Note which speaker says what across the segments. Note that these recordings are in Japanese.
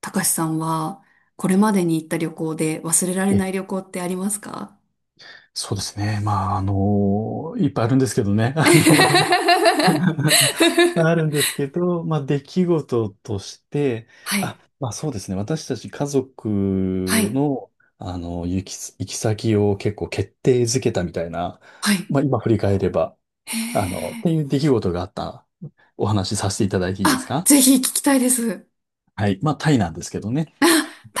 Speaker 1: たかしさんは、これまでに行った旅行で忘れられ
Speaker 2: え、
Speaker 1: ない旅行ってありますか？
Speaker 2: そうですね。まあ、いっぱいあるんですけどね。あの あるんですけど、まあ、出来事として、
Speaker 1: はい、
Speaker 2: そうですね。私たち家族
Speaker 1: はい、
Speaker 2: の、行き先を結構決定づけたみたいな、
Speaker 1: はい。
Speaker 2: まあ今振り返れば、
Speaker 1: へ
Speaker 2: あの、っ
Speaker 1: え。
Speaker 2: ていう出来事があったお話しさせていただいていいです
Speaker 1: あ、
Speaker 2: か？
Speaker 1: ぜひ聞きたいです。
Speaker 2: はい。まあタイなんですけどね。
Speaker 1: あ、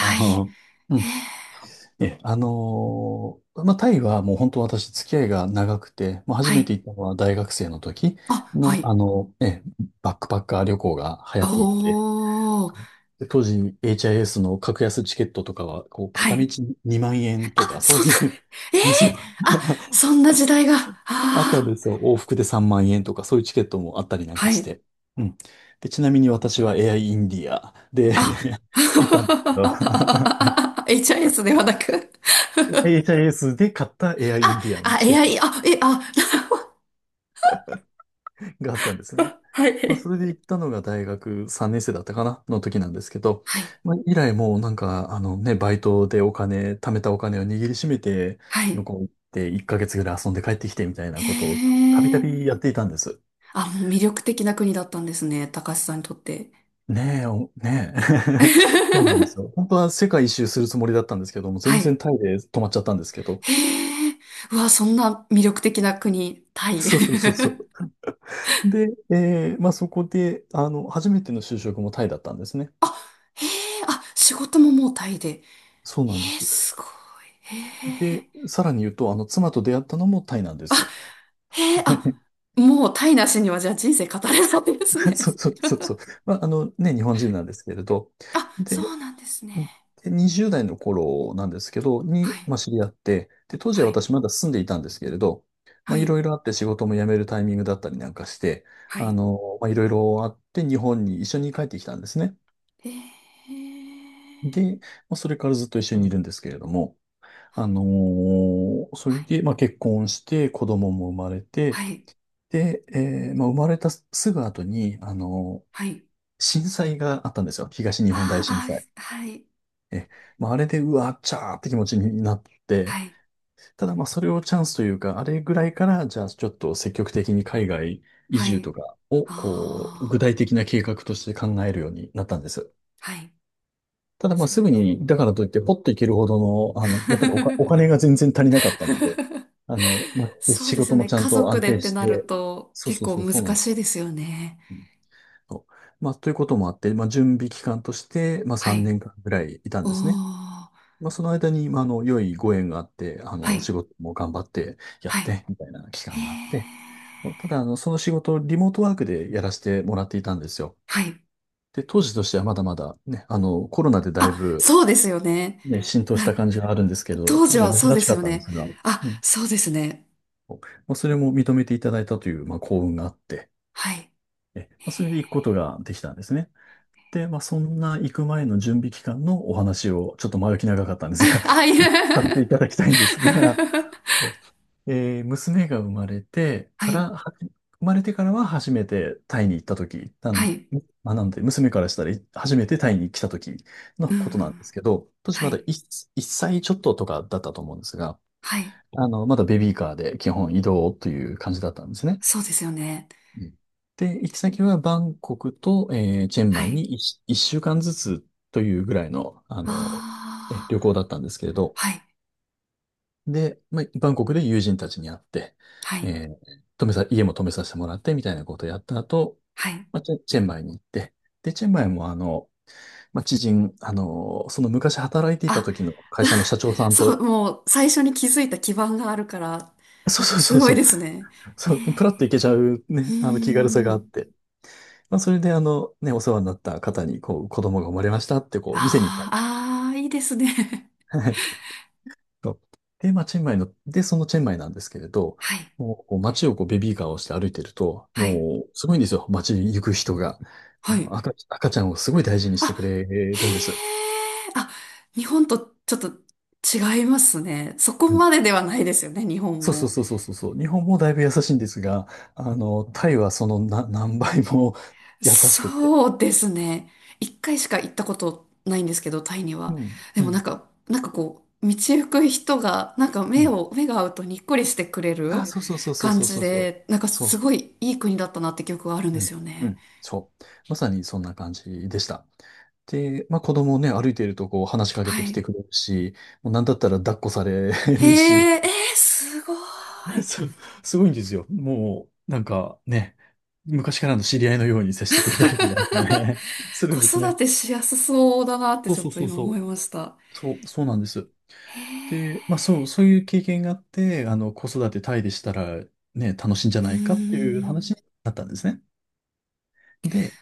Speaker 2: あ
Speaker 1: イ。
Speaker 2: の、う
Speaker 1: へ
Speaker 2: ん
Speaker 1: え。
Speaker 2: タイはもう本当私付き合いが長くて、まあ、初
Speaker 1: は
Speaker 2: めて
Speaker 1: い。
Speaker 2: 行ったのは大学生の時
Speaker 1: あ、は
Speaker 2: の、
Speaker 1: い。
Speaker 2: バックパッカー旅行が流行っていて、
Speaker 1: おー。
Speaker 2: で当時 HIS の格安チケットとかは、こう、
Speaker 1: は
Speaker 2: 片道
Speaker 1: い。
Speaker 2: 2万円
Speaker 1: あ、
Speaker 2: とか、そう
Speaker 1: そん
Speaker 2: い
Speaker 1: な、
Speaker 2: う
Speaker 1: ええ、
Speaker 2: そう、
Speaker 1: あ、そんな時代が。あ
Speaker 2: あったんで
Speaker 1: あ、
Speaker 2: すよ。往復で3万円とか、そういうチケットもあったりなん
Speaker 1: は
Speaker 2: かし
Speaker 1: い。
Speaker 2: て。うん。で、ちなみに私は AI イインディアで
Speaker 1: あ、
Speaker 2: 行ったんです けど、
Speaker 1: HIS ではなく、
Speaker 2: HIS で買った AI イインディアのチケッ
Speaker 1: AI、
Speaker 2: トがあったんですね。
Speaker 1: は
Speaker 2: まあ、
Speaker 1: い。
Speaker 2: それで行ったのが大学3年生だったかなの時なんですけど、
Speaker 1: はい。
Speaker 2: まあ、以来もうなんか、あのね、バイトでお金、貯めたお金を握りしめて、
Speaker 1: は
Speaker 2: 向
Speaker 1: い。
Speaker 2: こう行って1ヶ月ぐらい遊んで帰ってきてみたいな
Speaker 1: へ
Speaker 2: ことをたびた
Speaker 1: え。
Speaker 2: びやっていたんです。
Speaker 1: あ、もう魅力的な国だったんですね。高橋さんにとって。
Speaker 2: ねえ、おねえ。そうなんですよ。本当は世界一周するつもりだったんですけども、
Speaker 1: は
Speaker 2: 全然
Speaker 1: い。
Speaker 2: タイで止まっちゃったんですけど。
Speaker 1: へえ。うわ、そんな魅力的な国、タ イ。
Speaker 2: そうそうそうそう。で、そこで、あの、初めての就職もタイだったんですね。
Speaker 1: あ、へえ。あ、仕事ももうタイで。
Speaker 2: そうなんで
Speaker 1: へえ、
Speaker 2: す。
Speaker 1: すごい。へえ。
Speaker 2: で、さらに言うと、あの、妻と出会ったのもタイなんです。
Speaker 1: へえ、あ、もうタイなしにはじゃあ人生語れないです
Speaker 2: そ
Speaker 1: ね。
Speaker 2: うそうそ うそう。まあ、あのね、日本人なんですけれど。
Speaker 1: あ、そ
Speaker 2: で、
Speaker 1: うなんですね。
Speaker 2: で20代の頃なんですけど、
Speaker 1: は
Speaker 2: に、
Speaker 1: い。
Speaker 2: まあ、知り合って、で、当時は
Speaker 1: はい。
Speaker 2: 私まだ住んでいたんですけれど、
Speaker 1: は
Speaker 2: まあ、い
Speaker 1: い。
Speaker 2: ろいろあって仕事も辞めるタイミングだったりなんかして、
Speaker 1: は
Speaker 2: あ
Speaker 1: い。
Speaker 2: の、まあ、いろいろあって日本に一緒に帰ってきたんですね。
Speaker 1: ええ、
Speaker 2: で、まあ、それからずっと一緒にいるんですけれども、あのーそれ
Speaker 1: はい、
Speaker 2: で、まあ、結婚して、子供も生まれて、
Speaker 1: はい、
Speaker 2: で、生まれたすぐ後に、あの、
Speaker 1: はい。
Speaker 2: 震災があったんですよ。東日本大
Speaker 1: あ
Speaker 2: 震
Speaker 1: あ
Speaker 2: 災。
Speaker 1: あ、はい、
Speaker 2: え、まあ、あれで、うわ、っちゃーって気持ちになって、
Speaker 1: はい、
Speaker 2: ただ、まあ、それをチャンスというか、あれぐらいから、じゃあ、ちょっと積極的に海外移
Speaker 1: は
Speaker 2: 住
Speaker 1: い。
Speaker 2: とかを、こう、具
Speaker 1: あ
Speaker 2: 体的な計画として考えるようになったんです。
Speaker 1: あ、はい、
Speaker 2: ただ、まあ、
Speaker 1: そ
Speaker 2: す
Speaker 1: れ。
Speaker 2: ぐに、だからといって、ポッといけるほどの、やっぱりお金 が全然足りなかったので、あの、まあ、
Speaker 1: そう
Speaker 2: 仕
Speaker 1: ですよ
Speaker 2: 事も
Speaker 1: ね。
Speaker 2: ちゃん
Speaker 1: 家
Speaker 2: と
Speaker 1: 族
Speaker 2: 安
Speaker 1: でっ
Speaker 2: 定
Speaker 1: て
Speaker 2: し
Speaker 1: なる
Speaker 2: て、
Speaker 1: と
Speaker 2: そう
Speaker 1: 結
Speaker 2: そう
Speaker 1: 構
Speaker 2: そう、
Speaker 1: 難
Speaker 2: そうなんで
Speaker 1: し
Speaker 2: す
Speaker 1: い
Speaker 2: よ。
Speaker 1: ですよね。
Speaker 2: と。まあ、ということもあって、まあ、準備期間として、まあ、
Speaker 1: は
Speaker 2: 3
Speaker 1: い。
Speaker 2: 年間ぐらいいたん
Speaker 1: おー、
Speaker 2: ですね。
Speaker 1: は
Speaker 2: まあ、その間に、まあ、あの、良いご縁があって、あ
Speaker 1: い、
Speaker 2: の、仕事も頑張ってや
Speaker 1: は
Speaker 2: っ
Speaker 1: い。
Speaker 2: て、みたいな期
Speaker 1: へ
Speaker 2: 間があって、
Speaker 1: ー、
Speaker 2: ただ、あの、その仕事をリモートワークでやらせてもらっていたんですよ。
Speaker 1: はい。
Speaker 2: で、当時としてはまだまだ、ね、あの、コロナでだい
Speaker 1: あ、
Speaker 2: ぶ、
Speaker 1: そうですよね。
Speaker 2: ね、浸透した
Speaker 1: あ、
Speaker 2: 感じがあるんですけど、
Speaker 1: 当
Speaker 2: 当
Speaker 1: 時
Speaker 2: 時
Speaker 1: は
Speaker 2: は
Speaker 1: そう
Speaker 2: 珍
Speaker 1: で
Speaker 2: し
Speaker 1: す
Speaker 2: かっ
Speaker 1: よ
Speaker 2: たんで
Speaker 1: ね。
Speaker 2: すが、
Speaker 1: あ、
Speaker 2: ん
Speaker 1: そうですね。
Speaker 2: まあ、それも認めていただいたという、まあ、幸運があって、
Speaker 1: はい。
Speaker 2: えまあ、それで行くことができたんですね。で、まあ、そんな行く前の準備期間のお話を、ちょっと前置き長かったんで すが、
Speaker 1: あ、いう
Speaker 2: させて いただきたいんですが、そ娘が生まれて
Speaker 1: は
Speaker 2: か
Speaker 1: い。
Speaker 2: ら、生まれてからは初めてタイに行った時、
Speaker 1: はい。
Speaker 2: まあ、なんで、娘からしたら初めてタイに来た時の
Speaker 1: う
Speaker 2: ことなん
Speaker 1: ん、
Speaker 2: ですけど、当時
Speaker 1: は
Speaker 2: まだ
Speaker 1: い。
Speaker 2: 1歳ちょっととかだったと思うんですが、
Speaker 1: はい。
Speaker 2: あの、まだベビーカーで基本移動という感じだったんですね。
Speaker 1: そうですよね。
Speaker 2: うんで、行き先はバンコクと、チェン
Speaker 1: は
Speaker 2: マイ
Speaker 1: い。
Speaker 2: に1週間ずつというぐらいの、あの、
Speaker 1: あ
Speaker 2: 旅行だ
Speaker 1: あ、
Speaker 2: ったんですけれど、
Speaker 1: はい。
Speaker 2: で、まあ、バンコクで友人たちに会って、
Speaker 1: はい。
Speaker 2: えー泊めさ、家も泊めさせてもらってみたいなことをやった後、
Speaker 1: はい。
Speaker 2: まあ、チェンマイに行って、で、チェンマイもあの、その昔働いていた
Speaker 1: あ、
Speaker 2: 時の会社の社長さん
Speaker 1: そ
Speaker 2: と、
Speaker 1: う、もう最初に気づいた基盤があるから、
Speaker 2: そうそう
Speaker 1: す
Speaker 2: そう
Speaker 1: ご
Speaker 2: そ
Speaker 1: い
Speaker 2: う、
Speaker 1: ですね。
Speaker 2: そ
Speaker 1: へ
Speaker 2: う、プラ
Speaker 1: え。
Speaker 2: ッと行けちゃう
Speaker 1: う
Speaker 2: ね、あの気軽さ
Speaker 1: ー
Speaker 2: があっ
Speaker 1: ん。
Speaker 2: て、まあ、それで、あの、ね、お世話になった方に、こう、子供が生まれましたって、こう、店に行っ
Speaker 1: ああ、ああ、いいですね。
Speaker 2: た。はい。そうで、まあ、チェンマイの、で、そのチェンマイなんですけれど、
Speaker 1: はい。
Speaker 2: もう、こう街をこう、ベビーカーをして歩いてると、
Speaker 1: はい。
Speaker 2: もう、すごいんですよ。街に行く人が。
Speaker 1: はい。
Speaker 2: 赤ちゃんをすごい大事にしてく
Speaker 1: あ、
Speaker 2: れ
Speaker 1: へ
Speaker 2: るんです。
Speaker 1: え。あ、日本とちょっと違いますね。そこ
Speaker 2: う
Speaker 1: ま
Speaker 2: ん
Speaker 1: でではないですよね、日本
Speaker 2: そうそう
Speaker 1: も。
Speaker 2: そうそうそうそう。日本もだいぶ優しいんですが、あの、タイはその何倍も 優しくて。
Speaker 1: そうですね。一回しか行ったことないんですけど、タイに
Speaker 2: う
Speaker 1: は。
Speaker 2: ん、
Speaker 1: で
Speaker 2: う
Speaker 1: もなん
Speaker 2: ん、
Speaker 1: か、なんかこう、道行く人が、なんか
Speaker 2: う
Speaker 1: 目
Speaker 2: ん。
Speaker 1: を、目が合うとにっこりしてくれ
Speaker 2: あ、
Speaker 1: る
Speaker 2: そうそうそうそう
Speaker 1: 感
Speaker 2: そう
Speaker 1: じ
Speaker 2: そうそう。
Speaker 1: で、なんか
Speaker 2: そ
Speaker 1: す
Speaker 2: う
Speaker 1: ごいいい国だったなって記憶があるんですよ
Speaker 2: う
Speaker 1: ね。
Speaker 2: んそう。まさにそんな感じでした。で、まあ子供ね、歩いているとこう話しかけ
Speaker 1: は
Speaker 2: てきて
Speaker 1: い。
Speaker 2: くれるし、もうなんだったら抱っこされ
Speaker 1: へ
Speaker 2: るし、
Speaker 1: え、えー、すごい。
Speaker 2: す、すごいんですよ。もう、なんかね、昔からの知り合いのように接してくれたりとかね、する
Speaker 1: 子
Speaker 2: んです
Speaker 1: 育
Speaker 2: ね。
Speaker 1: てしやすそうだなって
Speaker 2: そう
Speaker 1: ちょっ
Speaker 2: そう
Speaker 1: と
Speaker 2: そう
Speaker 1: 今
Speaker 2: そ
Speaker 1: 思い
Speaker 2: う。
Speaker 1: ました。
Speaker 2: そう、そうなんです。
Speaker 1: へえ。
Speaker 2: で、そういう経験があって、あの、子育てタイでしたらね、楽しいんじゃ
Speaker 1: う
Speaker 2: ないかっていう
Speaker 1: ーん。
Speaker 2: 話になったんですね。で、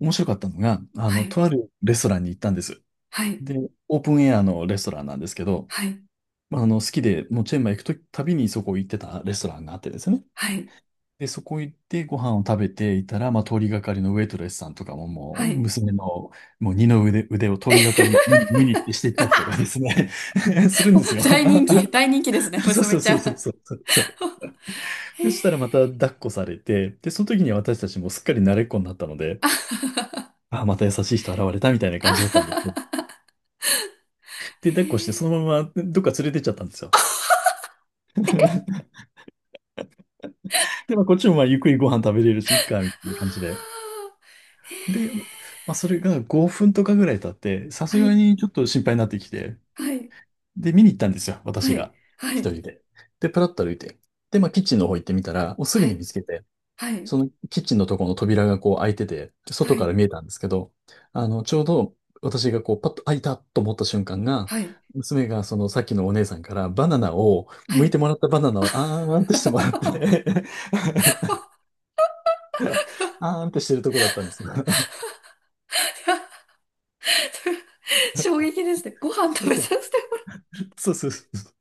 Speaker 2: 面白かったのが、あ
Speaker 1: は
Speaker 2: の、
Speaker 1: い。
Speaker 2: とあるレストランに行ったんです。
Speaker 1: はい。
Speaker 2: で、オープンエアのレストランなんですけど、
Speaker 1: はい。
Speaker 2: まあ、あの、好きで、もうチェンマイ行くとたびにそこ行ってたレストランがあってですね。
Speaker 1: はい。
Speaker 2: で、そこ行ってご飯を食べていたら、まあ、通りがかりのウェイトレスさんとかもも
Speaker 1: は
Speaker 2: う、
Speaker 1: い。
Speaker 2: 娘の、もう二の腕、腕を通りがかりに見に行ってしていったりとかですね、するんです よ。
Speaker 1: 大人気、大人気ですね、
Speaker 2: そうそ
Speaker 1: 娘
Speaker 2: う
Speaker 1: ち
Speaker 2: そ
Speaker 1: ゃ
Speaker 2: う
Speaker 1: ん。
Speaker 2: そう
Speaker 1: あ
Speaker 2: そうそう。でそしたらまた抱っこされて、で、その時には私たちもすっかり慣れっこになったので、あ、また優しい人現れたみたいな
Speaker 1: は
Speaker 2: 感
Speaker 1: は
Speaker 2: じだったんですね。
Speaker 1: は
Speaker 2: で、抱っこしてそのままどっか連れてっちゃったんですよ。で、まあ、こっちもまあゆっくりご飯食べれるし、いっか、みたいな感じで。で、まあ、それが5分とかぐらい経って、さす
Speaker 1: は
Speaker 2: が
Speaker 1: い、
Speaker 2: にちょっと心配になってきて、
Speaker 1: はい、
Speaker 2: で、見に行ったんですよ、私
Speaker 1: はい、
Speaker 2: が。
Speaker 1: は
Speaker 2: 一
Speaker 1: い、
Speaker 2: 人で。で、プラッと歩いて。で、まあ、キッチンの方行ってみたら、おすぐ
Speaker 1: は
Speaker 2: に
Speaker 1: い、
Speaker 2: 見つけて、
Speaker 1: は
Speaker 2: そのキッチンのところの扉がこう開いてて、
Speaker 1: い、は
Speaker 2: 外か
Speaker 1: い、
Speaker 2: ら見えたんですけど、ちょうど私がこうパッと開いたと思った瞬間が、
Speaker 1: はい、
Speaker 2: 娘がそのさっきのお姉さんからバナナを、
Speaker 1: は
Speaker 2: 剥い
Speaker 1: い。
Speaker 2: てもらったバナナをあーんってしてもらっ て、 あーんってしてるとこだったんです。
Speaker 1: 衝撃ですね。ご飯食べ
Speaker 2: そ
Speaker 1: さ
Speaker 2: う、
Speaker 1: せてもらう。
Speaker 2: そうそうそう。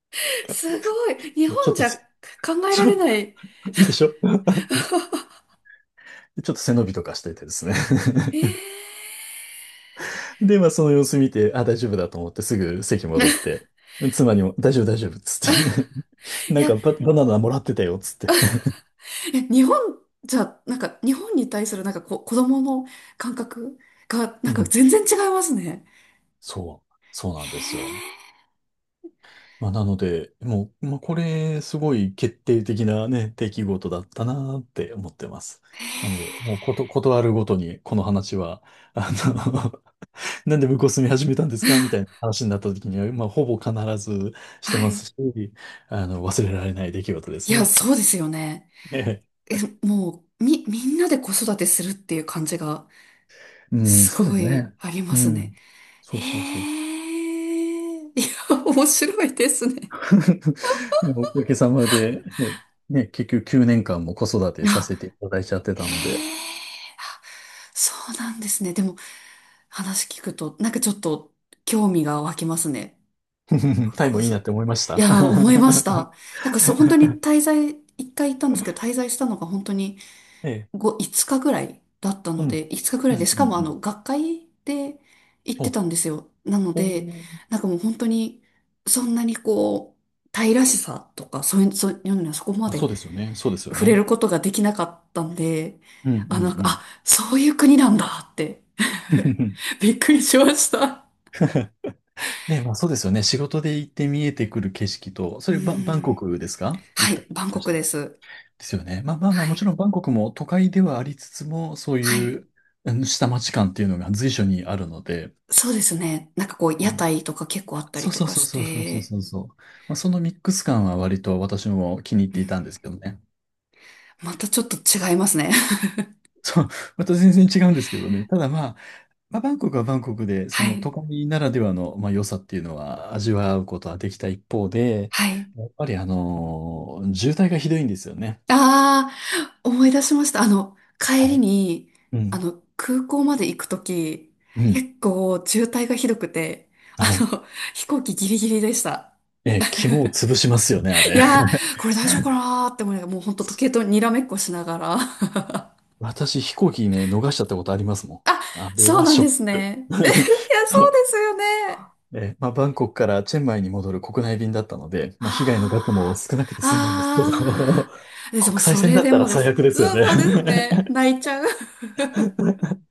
Speaker 1: すごい。日
Speaker 2: そうちょっ
Speaker 1: 本じ
Speaker 2: と
Speaker 1: ゃ
Speaker 2: せ、
Speaker 1: 考え
Speaker 2: ち
Speaker 1: られ
Speaker 2: ょ、
Speaker 1: ない。
Speaker 2: でしょ ちょっと背伸びとかしててですね。
Speaker 1: えー
Speaker 2: で、まあその様子見て、あ、大丈夫だと思ってすぐ席戻っ て、妻にも大丈夫大丈夫っつって、
Speaker 1: い
Speaker 2: なん
Speaker 1: や、
Speaker 2: かバ、バナナもらってたよ、つって。
Speaker 1: え、日本じゃ、なんか、日本に対するなんか子供の感覚が、な
Speaker 2: う
Speaker 1: んか
Speaker 2: ん。
Speaker 1: 全然違いますね。
Speaker 2: そう、そうなんですよ。
Speaker 1: へ
Speaker 2: まあ、なので、もう、まあ、これ、すごい決定的なね、出来事だったなって思ってます。
Speaker 1: え、へえ、
Speaker 2: なので、もうこと、断るごとに、この話は、あの なんで向こう住み始めたんですかみたいな話になった時には、まあ、ほぼ必ずして
Speaker 1: は
Speaker 2: ます
Speaker 1: い。
Speaker 2: し、あの、忘れられない出来事で
Speaker 1: い
Speaker 2: す
Speaker 1: や、
Speaker 2: ね。
Speaker 1: そうですよね。
Speaker 2: ええ、
Speaker 1: え、もう、みんなで子育てするっていう感じが、
Speaker 2: うん、
Speaker 1: す
Speaker 2: そうで
Speaker 1: ご
Speaker 2: す
Speaker 1: い
Speaker 2: ね。
Speaker 1: ありま
Speaker 2: う
Speaker 1: すね。
Speaker 2: ん。そ
Speaker 1: へ
Speaker 2: うそうそう。
Speaker 1: え、いや、面白いですね。
Speaker 2: おかげさまで、そう、ね、結局9年間も子育てさ
Speaker 1: あ、
Speaker 2: せていただいちゃってた
Speaker 1: へ
Speaker 2: ので、
Speaker 1: え、あ、そうなんですね。でも、話聞くと、なんかちょっと興味が湧きますね。こ
Speaker 2: タイもいいなって思いまし
Speaker 1: い
Speaker 2: た。
Speaker 1: やー、思いました。なんかそう、本当に滞在、一回行ったんですけど、滞在したのが本当に
Speaker 2: ええ。
Speaker 1: 5日ぐらいだった
Speaker 2: う
Speaker 1: ので、
Speaker 2: ん。
Speaker 1: 5日ぐら
Speaker 2: う
Speaker 1: いで、
Speaker 2: ん
Speaker 1: し
Speaker 2: うん
Speaker 1: かもあ
Speaker 2: うん。
Speaker 1: の、学会で行って
Speaker 2: お、
Speaker 1: たんですよ。なの
Speaker 2: お
Speaker 1: で、
Speaker 2: ー、
Speaker 1: なんかもう本当に、そんなにこう、タイらしさとか、そういう、そういうのにはそこま
Speaker 2: まあ、そ
Speaker 1: で
Speaker 2: うですよね。そうですよ
Speaker 1: 触れ
Speaker 2: ね。
Speaker 1: ることができなかったんで、
Speaker 2: う
Speaker 1: あ、なんか、
Speaker 2: ん
Speaker 1: あ、そういう国なんだって、
Speaker 2: うんうん。
Speaker 1: びっくりしました。
Speaker 2: ね、まあそうですよね。仕事で行って見えてくる景色と、そ
Speaker 1: う
Speaker 2: れバン、バン
Speaker 1: ー
Speaker 2: コ
Speaker 1: ん。
Speaker 2: クですか行
Speaker 1: は
Speaker 2: った。
Speaker 1: い、
Speaker 2: で
Speaker 1: バンコクです。
Speaker 2: すよね。まあまあまあ、
Speaker 1: は
Speaker 2: もち
Speaker 1: い。
Speaker 2: ろんバンコクも都会ではありつつも、そう
Speaker 1: は
Speaker 2: い
Speaker 1: い。
Speaker 2: う、うん、下町感っていうのが随所にあるので。
Speaker 1: そうですね。なんかこう、
Speaker 2: う
Speaker 1: 屋
Speaker 2: ん、
Speaker 1: 台とか結構あった
Speaker 2: そ
Speaker 1: り
Speaker 2: う
Speaker 1: と
Speaker 2: そう
Speaker 1: か
Speaker 2: そう
Speaker 1: し
Speaker 2: そうそうそう
Speaker 1: て、
Speaker 2: そうそう。まあ、そのミックス感は割と私も気に入っ
Speaker 1: う
Speaker 2: て
Speaker 1: ん、
Speaker 2: いたんですけどね。
Speaker 1: またちょっと違いますね。
Speaker 2: そう、また全然違うんですけどね。ただまあ、まあ、バンコクはバンコクで、そ
Speaker 1: は
Speaker 2: の都
Speaker 1: い。
Speaker 2: 会ならではの、まあ、良さっていうのは味わうことはできた一方で、
Speaker 1: はい。
Speaker 2: やっぱりあの渋滞がひどいんですよね。
Speaker 1: ああ、思い出しました。あの、帰
Speaker 2: は
Speaker 1: り
Speaker 2: い。
Speaker 1: に、
Speaker 2: う
Speaker 1: あ
Speaker 2: ん。
Speaker 1: の、空港まで行くとき、
Speaker 2: うん。
Speaker 1: 結構渋滞がひどくて、あ
Speaker 2: はい。
Speaker 1: の、飛行機ギリギリでした。
Speaker 2: えー、肝を潰しますよね、あ
Speaker 1: い
Speaker 2: れ。
Speaker 1: や ー、これ大丈夫かなーって思いながら、もうほんと時計とにらめっこしながら。
Speaker 2: 私、飛行機ね、逃しちゃったことありますも
Speaker 1: あ、
Speaker 2: ん。あれ
Speaker 1: そう
Speaker 2: は
Speaker 1: なん
Speaker 2: ショ
Speaker 1: で
Speaker 2: ッ
Speaker 1: す
Speaker 2: ク。
Speaker 1: ね。え、いや、
Speaker 2: そ
Speaker 1: そうで
Speaker 2: う。
Speaker 1: すよね。
Speaker 2: えー、まあ、バンコクからチェンマイに戻る国内便だったので、
Speaker 1: あ
Speaker 2: まあ、被害の額も少なく
Speaker 1: あ、
Speaker 2: て済んだんですけど、
Speaker 1: あ あ、でも
Speaker 2: 国際
Speaker 1: そ
Speaker 2: 線
Speaker 1: れ
Speaker 2: だっ
Speaker 1: で
Speaker 2: た
Speaker 1: も
Speaker 2: ら
Speaker 1: で
Speaker 2: 最
Speaker 1: す。
Speaker 2: 悪で
Speaker 1: う
Speaker 2: すよ
Speaker 1: ん、
Speaker 2: ね。
Speaker 1: そうですね。泣いちゃう。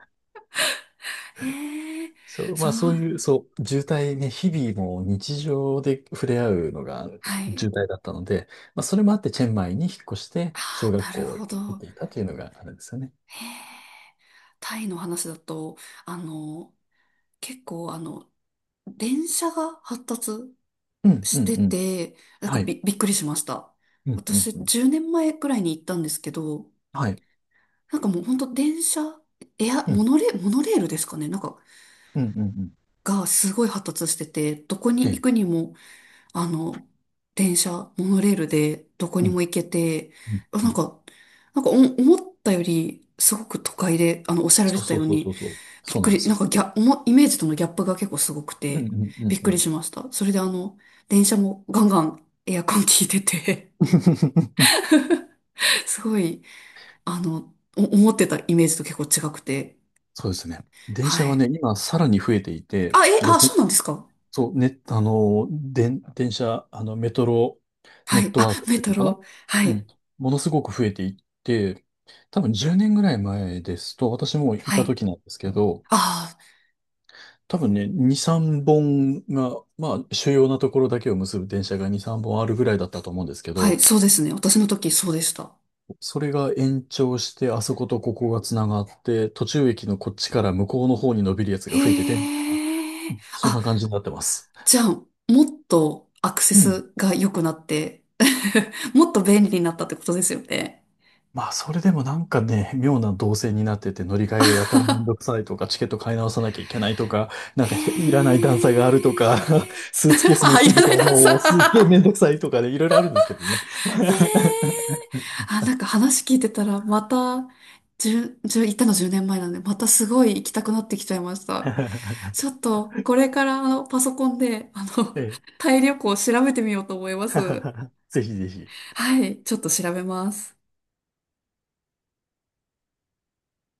Speaker 1: へえ、
Speaker 2: そう、
Speaker 1: そ
Speaker 2: まあ、
Speaker 1: の、
Speaker 2: そういう、そう、渋滞ね、日々もう日常で触れ合うのが
Speaker 1: はい。
Speaker 2: 渋滞だったので、まあ、それもあってチェンマイに引っ越して
Speaker 1: あ
Speaker 2: 小
Speaker 1: あ、
Speaker 2: 学
Speaker 1: なる
Speaker 2: 校に
Speaker 1: ほど。
Speaker 2: 行っていたというのがあるんですよね。
Speaker 1: へえ、タイの話だと、あの、結構、あの、電車が発達
Speaker 2: うん、
Speaker 1: し
Speaker 2: うん、
Speaker 1: て
Speaker 2: うん。
Speaker 1: て、なんか
Speaker 2: はい。
Speaker 1: びっくりしました。
Speaker 2: うん、うん、
Speaker 1: 私、
Speaker 2: うん。
Speaker 1: 10年前くらいに行ったんですけど、
Speaker 2: はい。
Speaker 1: なんかもう本当電車、エア、
Speaker 2: う
Speaker 1: モ
Speaker 2: ん、
Speaker 1: ノレ、モノレールですかね。なんか、
Speaker 2: うん、うん、うん。
Speaker 1: がすごい発達してて、どこに
Speaker 2: え
Speaker 1: 行
Speaker 2: え。
Speaker 1: くにも、あの、電車、モノレールでどこ
Speaker 2: う
Speaker 1: に
Speaker 2: ん、
Speaker 1: も行けて、
Speaker 2: うん、
Speaker 1: あ、
Speaker 2: う
Speaker 1: なん
Speaker 2: ん。
Speaker 1: か、なんか思ったより、すごく都会で、あの、おっしゃられ
Speaker 2: そ
Speaker 1: て
Speaker 2: う
Speaker 1: た
Speaker 2: そ
Speaker 1: よ
Speaker 2: う
Speaker 1: う
Speaker 2: そう
Speaker 1: に、
Speaker 2: そうそう。
Speaker 1: び
Speaker 2: そ
Speaker 1: っ
Speaker 2: う
Speaker 1: く
Speaker 2: なんで
Speaker 1: り、
Speaker 2: す
Speaker 1: なん
Speaker 2: よ。
Speaker 1: かギャ、おもイメージとのギャップが結構すごく
Speaker 2: うん、
Speaker 1: て、
Speaker 2: うん、う
Speaker 1: び
Speaker 2: ん、
Speaker 1: っく
Speaker 2: う
Speaker 1: り
Speaker 2: ん。
Speaker 1: しました。それであの、電車もガンガンエアコン効いてて すごい、あの、思ってたイメージと結構違くて、
Speaker 2: そうですね。電
Speaker 1: は
Speaker 2: 車は
Speaker 1: い。
Speaker 2: ね、今さらに増えていて、
Speaker 1: あ、え、
Speaker 2: 路
Speaker 1: あ、
Speaker 2: 線、
Speaker 1: そうなんですか？
Speaker 2: そう、ね、あの、電車、あの、メトロネ
Speaker 1: は
Speaker 2: ッ
Speaker 1: い。
Speaker 2: トワー
Speaker 1: あ、
Speaker 2: クっ
Speaker 1: メ
Speaker 2: ていう
Speaker 1: ト
Speaker 2: のかな。
Speaker 1: ロ。は
Speaker 2: う
Speaker 1: い。
Speaker 2: ん。ものすごく増えていって、多分10年ぐらい前ですと、私もい
Speaker 1: は
Speaker 2: た
Speaker 1: い。
Speaker 2: 時なんですけど、
Speaker 1: あ
Speaker 2: 多分ね、2、3本が、まあ、主要なところだけを結ぶ電車が2、3本あるぐらいだったと思うんですけ
Speaker 1: あ、はい。
Speaker 2: ど、
Speaker 1: そうですね。私の時そうでした。
Speaker 2: それが延長して、あそことここが繋がって、途中駅のこっちから向こうの方に伸びるやつ
Speaker 1: へ
Speaker 2: が増えてて、みたいな。
Speaker 1: え。
Speaker 2: そん
Speaker 1: あ、
Speaker 2: な感じになってます。
Speaker 1: じゃあ、もっとアクセ
Speaker 2: うん。
Speaker 1: スが良くなって もっと便利になったってことですよね。
Speaker 2: まあ、それでもなんかね、妙な動線になってて、乗り換えがやたらめんどくさいとか、チケット買い直さなきゃいけないとか、なんかへいらない
Speaker 1: へ
Speaker 2: 段差があるとか、
Speaker 1: え。
Speaker 2: スーツケー ス持
Speaker 1: あ、
Speaker 2: って
Speaker 1: いら
Speaker 2: る
Speaker 1: な
Speaker 2: と
Speaker 1: いダンサ
Speaker 2: もうすっげえめん
Speaker 1: ー。
Speaker 2: どくさいとかで、いろいろあるんですけどね。
Speaker 1: へえ。あ、なんか話聞いてたら、また、じゅ十、じゅう行ったの10年前なんで、またすごい行きたくなってきちゃいました。ち ょっと、これから、あの、パソコンで、あの、
Speaker 2: ええ、
Speaker 1: タイ旅行を調べてみようと思います。
Speaker 2: ぜひぜひ。
Speaker 1: はい、ちょっと調べます。